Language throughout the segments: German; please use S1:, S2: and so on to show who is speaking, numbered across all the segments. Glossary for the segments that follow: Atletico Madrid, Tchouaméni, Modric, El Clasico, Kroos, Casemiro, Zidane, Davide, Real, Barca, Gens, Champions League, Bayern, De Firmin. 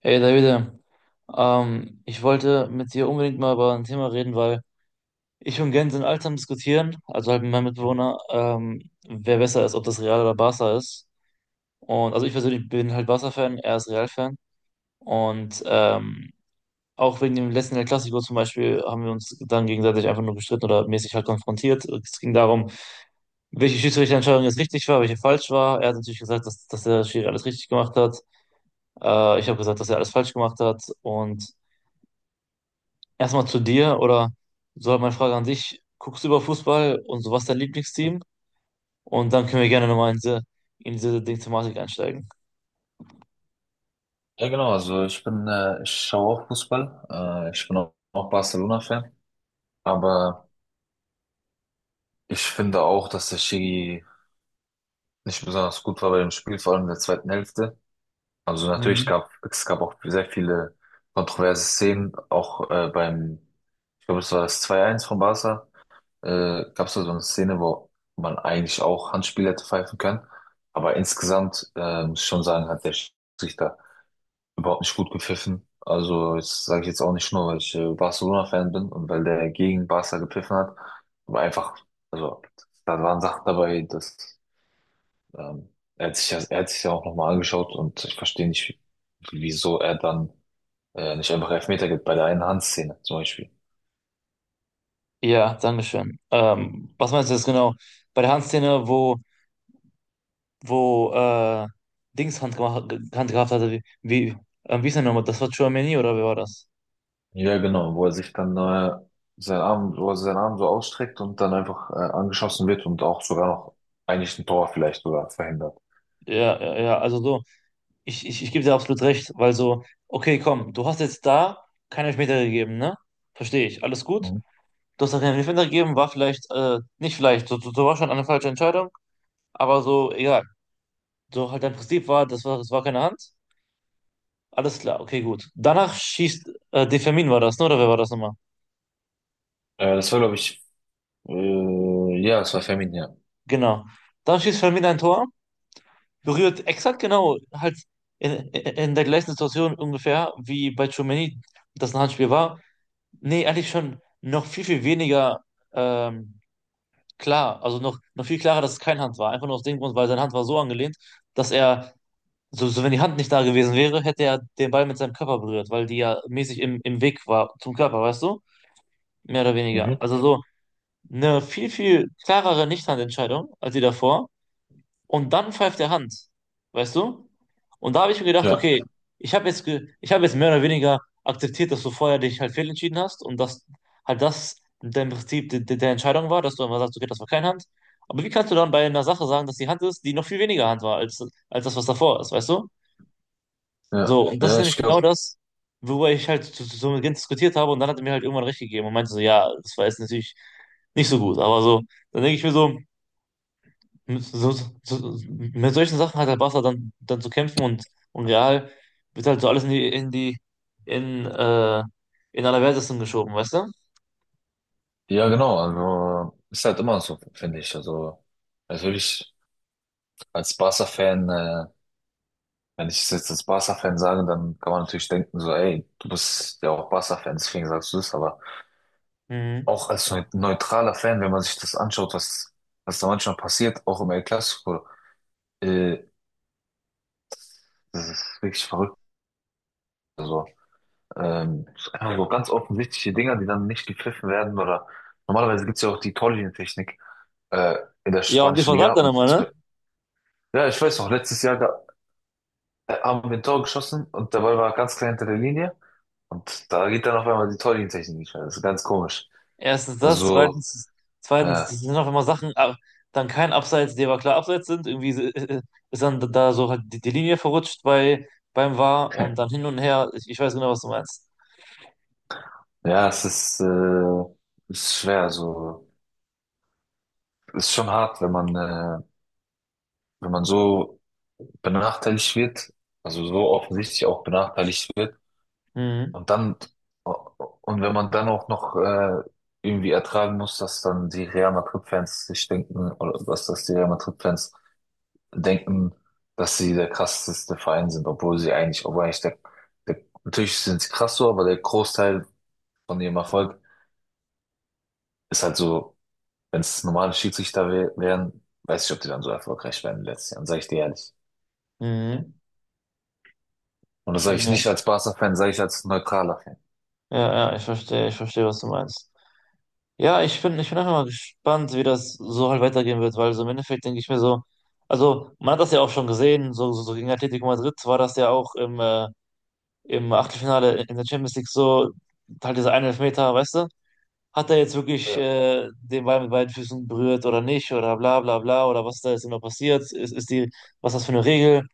S1: Hey Davide, ich wollte mit dir unbedingt mal über ein Thema reden, weil ich und Gens sind alt am Diskutieren, also halt mit meinem Mitbewohner, wer besser ist, ob das Real oder Barca ist. Und also ich persönlich bin halt Barca-Fan, er ist Real-Fan. Und ähm, Auch wegen dem letzten El Clasico zum Beispiel haben wir uns dann gegenseitig einfach nur gestritten oder mäßig halt konfrontiert. Es ging darum, welche Schiedsrichterentscheidung jetzt richtig war, welche falsch war. Er hat natürlich gesagt, dass der Schiri alles richtig gemacht hat. Ich habe gesagt, dass er alles falsch gemacht hat. Und erstmal zu dir oder so halt meine Frage an dich. Guckst du über Fußball und so, was ist dein Lieblingsteam? Und dann können wir gerne nochmal in diese Ding-Thematik einsteigen.
S2: Ja, genau, also ich bin, ich schaue auch Fußball. Ich bin auch Barcelona-Fan. Aber ich finde auch, dass der Schiri nicht besonders gut war bei dem Spiel, vor allem in der zweiten Hälfte. Also natürlich
S1: Mhm.
S2: gab es gab auch sehr viele kontroverse Szenen, auch beim, ich glaube, es war das 2-1 von Barca. Gab es da so eine Szene, wo man eigentlich auch Handspiel hätte pfeifen können. Aber insgesamt muss ich schon sagen, hat der Schiedsrichter überhaupt nicht gut gepfiffen. Also, das sage ich jetzt auch nicht nur, weil ich Barcelona-Fan bin und weil der gegen Barca gepfiffen hat, aber einfach, also, da waren Sachen dabei, dass ähm, er hat sich ja auch nochmal angeschaut und ich verstehe nicht, wieso er dann nicht einfach Elfmeter gibt bei der einen Handszene zum Beispiel.
S1: Ja, Dankeschön. Was meinst du jetzt genau? Bei der Handszene, wo Dings Hand, gemacht, Hand gehabt hatte, wie ist der nochmal? Das war Tchouaméni oder wer war das?
S2: Ja, genau, wo er sich dann wo er seinen Arm so ausstreckt und dann einfach angeschossen wird und auch sogar noch eigentlich ein Tor vielleicht sogar verhindert.
S1: Ja, ja, ja, also so, ich gebe dir absolut recht, weil so, okay, komm, du hast jetzt da keinen Elfmeter gegeben, ne? Verstehe ich, alles gut.
S2: Mhm.
S1: Du hast da keinen Elfmeter gegeben, war vielleicht, nicht vielleicht, so war schon eine falsche Entscheidung, aber so, egal. So halt dein Prinzip war, das war keine Hand. Alles klar, okay, gut. Danach schießt, De Firmin war das, ne? Oder wer war das nochmal?
S2: Das war, glaube ich, ja, es war Feminin, ja.
S1: Genau. Dann schießt Firmin ein Tor, berührt exakt genau, halt in, in der gleichen Situation ungefähr, wie bei Tchouaméni das ein Handspiel war. Nee, eigentlich schon noch viel, viel weniger ähm, klar, also noch, noch viel klarer, dass es kein Hand war. Einfach nur aus dem Grund, weil seine Hand war so angelehnt, dass er. So, so wenn die Hand nicht da gewesen wäre, hätte er den Ball mit seinem Körper berührt, weil die ja mäßig im, im Weg war zum Körper, weißt du? Mehr oder weniger.
S2: Mhm.
S1: Also so eine viel, viel klarere Nichthandentscheidung als die davor. Und dann pfeift der Hand, weißt du? Und da habe ich mir gedacht,
S2: Ja,
S1: okay, ich habe jetzt, ge ich habe jetzt mehr oder weniger akzeptiert, dass du vorher dich halt fehlentschieden hast und dass halt das dein Prinzip de de der Entscheidung war, dass du einfach sagst, okay, das war keine Hand. Aber wie kannst du dann bei einer Sache sagen, dass die Hand ist, die noch viel weniger Hand war als, als das, was davor ist, weißt du?
S2: ja.
S1: So, und das ist
S2: Ja,
S1: nämlich
S2: ich
S1: genau
S2: glaube,
S1: das, worüber ich halt so, so mit Gent diskutiert habe und dann hat er mir halt irgendwann recht gegeben und meinte so, ja, das war jetzt natürlich nicht so gut, aber so, dann denke ich mir so, mit, mit solchen Sachen hat der Barca dann zu kämpfen und Real wird halt so alles in die, in die, in, äh, in Allerwertesten geschoben, weißt du?
S2: ja, genau. Also, ist halt immer so, finde ich. Also, natürlich, als Barca-Fan, wenn ich es jetzt als Barca-Fan sage, dann kann man natürlich denken, so, ey, du bist ja auch Barca-Fan, deswegen sagst du es. Aber
S1: Mhm.
S2: auch als neutraler Fan, wenn man sich das anschaut, was da manchmal passiert, auch im El Clasico, äh, das ist wirklich verrückt. Also, so ganz offensichtliche Dinger, die dann nicht gepfiffen werden oder normalerweise gibt's ja auch die Torlinientechnik. äh, in der
S1: Ja, und die
S2: spanischen Liga.
S1: versagt dann
S2: Und
S1: immer, ne?
S2: zum Beispiel, ja, ich weiß noch, letztes Jahr haben wir ein Tor geschossen und dabei war er ganz klein hinter der Linie. Und da geht dann auf einmal die Torlinientechnik nicht mehr. Das ist ganz komisch.
S1: Erstens das,
S2: Also,
S1: zweitens,
S2: äh,
S1: das sind auch immer Sachen, dann kein Abseits, die aber klar Abseits sind. Irgendwie so, äh, ist dann da so halt die, die Linie verrutscht bei, beim VAR und dann hin und her. Ich weiß genau, was du meinst.
S2: ja, ist schwer. So, ist schon hart, wenn wenn man so benachteiligt wird, also so offensichtlich auch benachteiligt wird.
S1: Mhm.
S2: Und dann, und wenn man dann auch noch irgendwie ertragen muss, dass dann die Real Madrid-Fans sich denken, oder dass das die Real Madrid-Fans denken, dass sie der krasseste Verein sind, obwohl sie eigentlich, obwohl eigentlich der, der natürlich sind sie krass so, aber der Großteil von ihrem Erfolg ist halt so, wenn es normale Schiedsrichter wären, weiß ich, ob die dann so erfolgreich wären in den letzten Jahren, sage ich dir ehrlich.
S1: Mhm.
S2: Und das sage ich
S1: Ja.
S2: nicht als Barca-Fan, sage ich als neutraler Fan.
S1: Ja, ja, ich verstehe, was du meinst. Ja, ich bin einfach mal gespannt, wie das so halt weitergehen wird, weil so im Endeffekt denke ich mir so, also man hat das ja auch schon gesehen, so, gegen Atletico Madrid war das ja auch im, im Achtelfinale in der Champions League so, halt dieser eine Elfmeter, weißt du? Hat er jetzt wirklich
S2: Ja.
S1: den Ball mit beiden Füßen berührt oder nicht oder bla bla bla oder was da jetzt immer passiert, ist die, was ist das für eine Regel?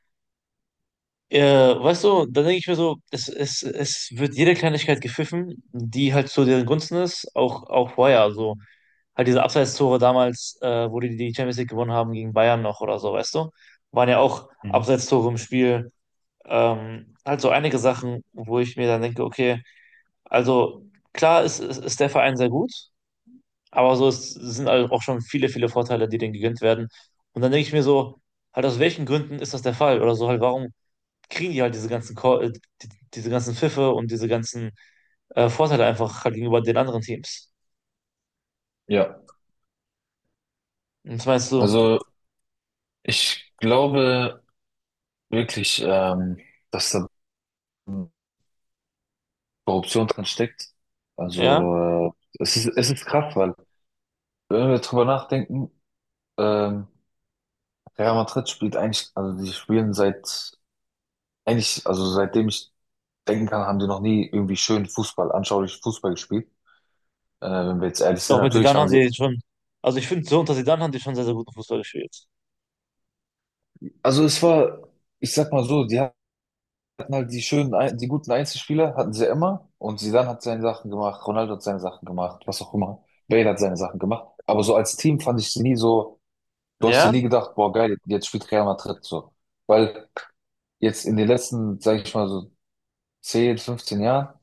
S1: Äh, Weißt du, dann denke ich mir so, es wird jede Kleinigkeit gepfiffen, die halt zu deren Gunsten ist, auch, auch vorher, also halt diese Abseits-Tore damals, wo die die Champions League gewonnen haben gegen Bayern noch oder so, weißt du, waren ja auch
S2: Mhm.
S1: Abseits-Tore im Spiel, halt so einige Sachen, wo ich mir dann denke, okay, also klar ist, ist der Verein sehr gut, aber so es sind halt auch schon viele, viele Vorteile, die denen gegönnt werden. Und dann denke ich mir so, halt aus welchen Gründen ist das der Fall? Oder so halt, warum kriegen die halt diese ganzen, die, diese ganzen Pfiffe und diese ganzen Vorteile einfach halt gegenüber den anderen Teams?
S2: Ja,
S1: Und was meinst du?
S2: also ich glaube, wirklich, dass da Korruption drin steckt.
S1: Ja?
S2: Also, es ist krass, weil, wenn wir drüber nachdenken, ähm, Real Madrid spielt eigentlich, also die spielen seit, eigentlich, also seitdem ich denken kann, haben die noch nie irgendwie schön Fußball, anschaulich Fußball gespielt. Wenn wir jetzt ehrlich sind,
S1: Doch mit
S2: natürlich
S1: Zidane
S2: haben
S1: haben
S2: sie,
S1: die schon, also ich finde, so unter Zidane haben die schon sehr, sehr guten Fußball gespielt.
S2: also es war, ich sag mal so, die hatten halt die die guten Einzelspieler hatten sie ja immer. Und Zidane hat seine Sachen gemacht, Ronaldo hat seine Sachen gemacht, was auch immer. Bale hat seine Sachen gemacht. Aber so als Team fand ich sie nie so, du hast dir
S1: Ja?
S2: nie gedacht, boah, geil, jetzt spielt Real Madrid so. Weil jetzt in den letzten, sage ich mal so 10, 15 Jahren,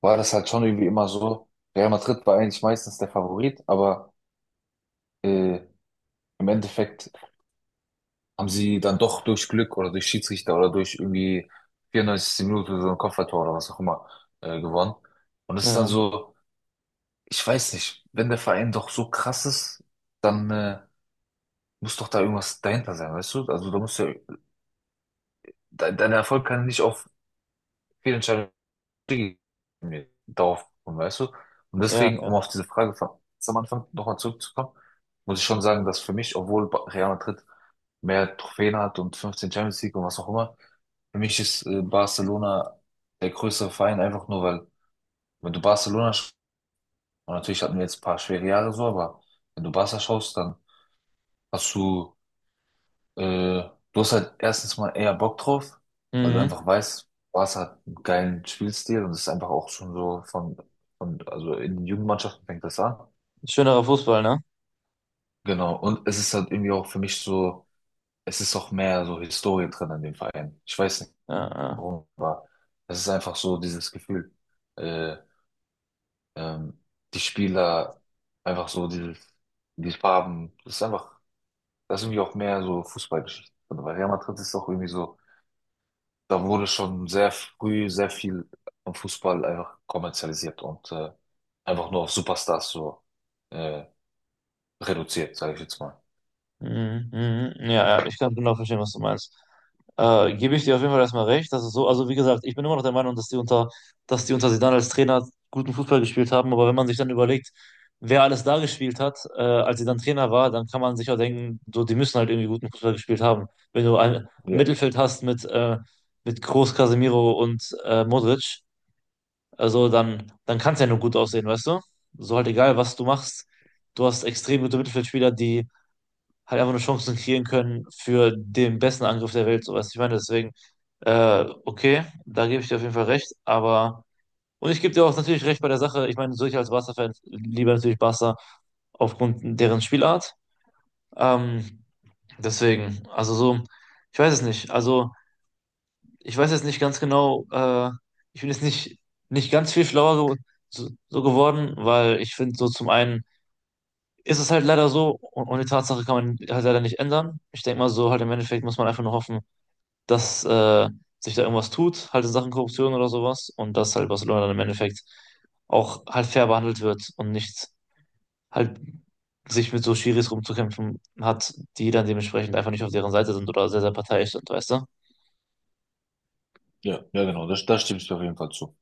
S2: war das halt schon irgendwie immer so, Real Madrid war eigentlich meistens der Favorit, aber äh, im Endeffekt haben sie dann doch durch Glück oder durch Schiedsrichter oder durch irgendwie 94. Minute so ein Kopfballtor oder was auch immer gewonnen. Und es ist dann
S1: Ja,
S2: so, ich weiß nicht, wenn der Verein doch so krass ist, dann muss doch da irgendwas dahinter sein, weißt du? Also da muss ja, de dein Erfolg kann nicht auf Fehlentscheidungen darauf kommen, weißt du? Und
S1: ja,
S2: deswegen, um
S1: ja.
S2: auf diese Frage von ganz am Anfang nochmal zurückzukommen, muss ich schon sagen, dass für mich, obwohl Real Madrid mehr Trophäen hat und 15 Champions League und was auch immer, für mich ist Barcelona der größere Verein, einfach nur weil, wenn du Barcelona schaust, und natürlich hatten wir jetzt ein paar schwere Jahre so, aber wenn du Barca schaust, dann hast du, äh, du hast halt erstens mal eher Bock drauf, weil du
S1: Mhm.
S2: einfach weißt, Barca hat einen geilen Spielstil und es ist einfach auch schon so von, also in den Jugendmannschaften fängt das an.
S1: Schönerer Fußball, ne?
S2: Genau, und es ist halt irgendwie auch für mich so, es ist auch mehr so Historie drin an dem Verein. Ich weiß nicht
S1: Ja, ja.
S2: warum, aber es ist einfach so dieses Gefühl. Äh, ähm, die Spieler, einfach so dieses, die Farben, das ist einfach, das ist irgendwie auch mehr so Fußballgeschichte drin. Weil Real Madrid ist auch irgendwie so, da wurde schon sehr früh sehr viel am Fußball einfach kommerzialisiert und einfach nur auf Superstars so äh, reduziert, sage ich jetzt mal.
S1: Mhm, mhm. Ja, ja, ich kann genau verstehen, was du meinst. Gebe ich dir auf jeden Fall erstmal recht, dass es so, also wie gesagt, ich bin immer noch der Meinung, dass die unter Zidane als Trainer guten Fußball gespielt haben, aber wenn man sich dann überlegt, wer alles da gespielt hat, als sie dann Trainer war, dann kann man sich auch denken, so, die müssen halt irgendwie guten Fußball gespielt haben. Wenn du ein
S2: Ja,
S1: Mittelfeld hast mit Kroos, Casemiro und Modric, also dann, dann kann es ja nur gut aussehen, weißt du? So halt egal, was du machst, du hast extrem gute Mittelfeldspieler, die halt einfach eine Chance kreieren können für den besten Angriff der Welt, so weißt du, ich meine, deswegen, okay, da gebe ich dir auf jeden Fall recht, aber, und ich gebe dir auch natürlich recht bei der Sache, ich meine, so ich als Barca-Fan lieber natürlich Barca aufgrund deren Spielart, ähm, deswegen, also so, ich weiß es nicht, also, ich weiß jetzt nicht ganz genau, ich bin jetzt nicht, nicht ganz viel schlauer so, geworden, weil ich finde so zum einen, ist es halt leider so und die Tatsache kann man halt leider nicht ändern. Ich denke mal so, halt im Endeffekt muss man einfach nur hoffen, dass sich da irgendwas tut, halt in Sachen Korruption oder sowas und dass halt Barcelona dann im Endeffekt auch halt fair behandelt wird und nicht halt sich mit so Schiris rumzukämpfen hat, die dann dementsprechend einfach nicht auf deren Seite sind oder sehr, sehr parteiisch sind, weißt du?
S2: ja, ja, genau, das, das stimmst du auf jeden Fall zu.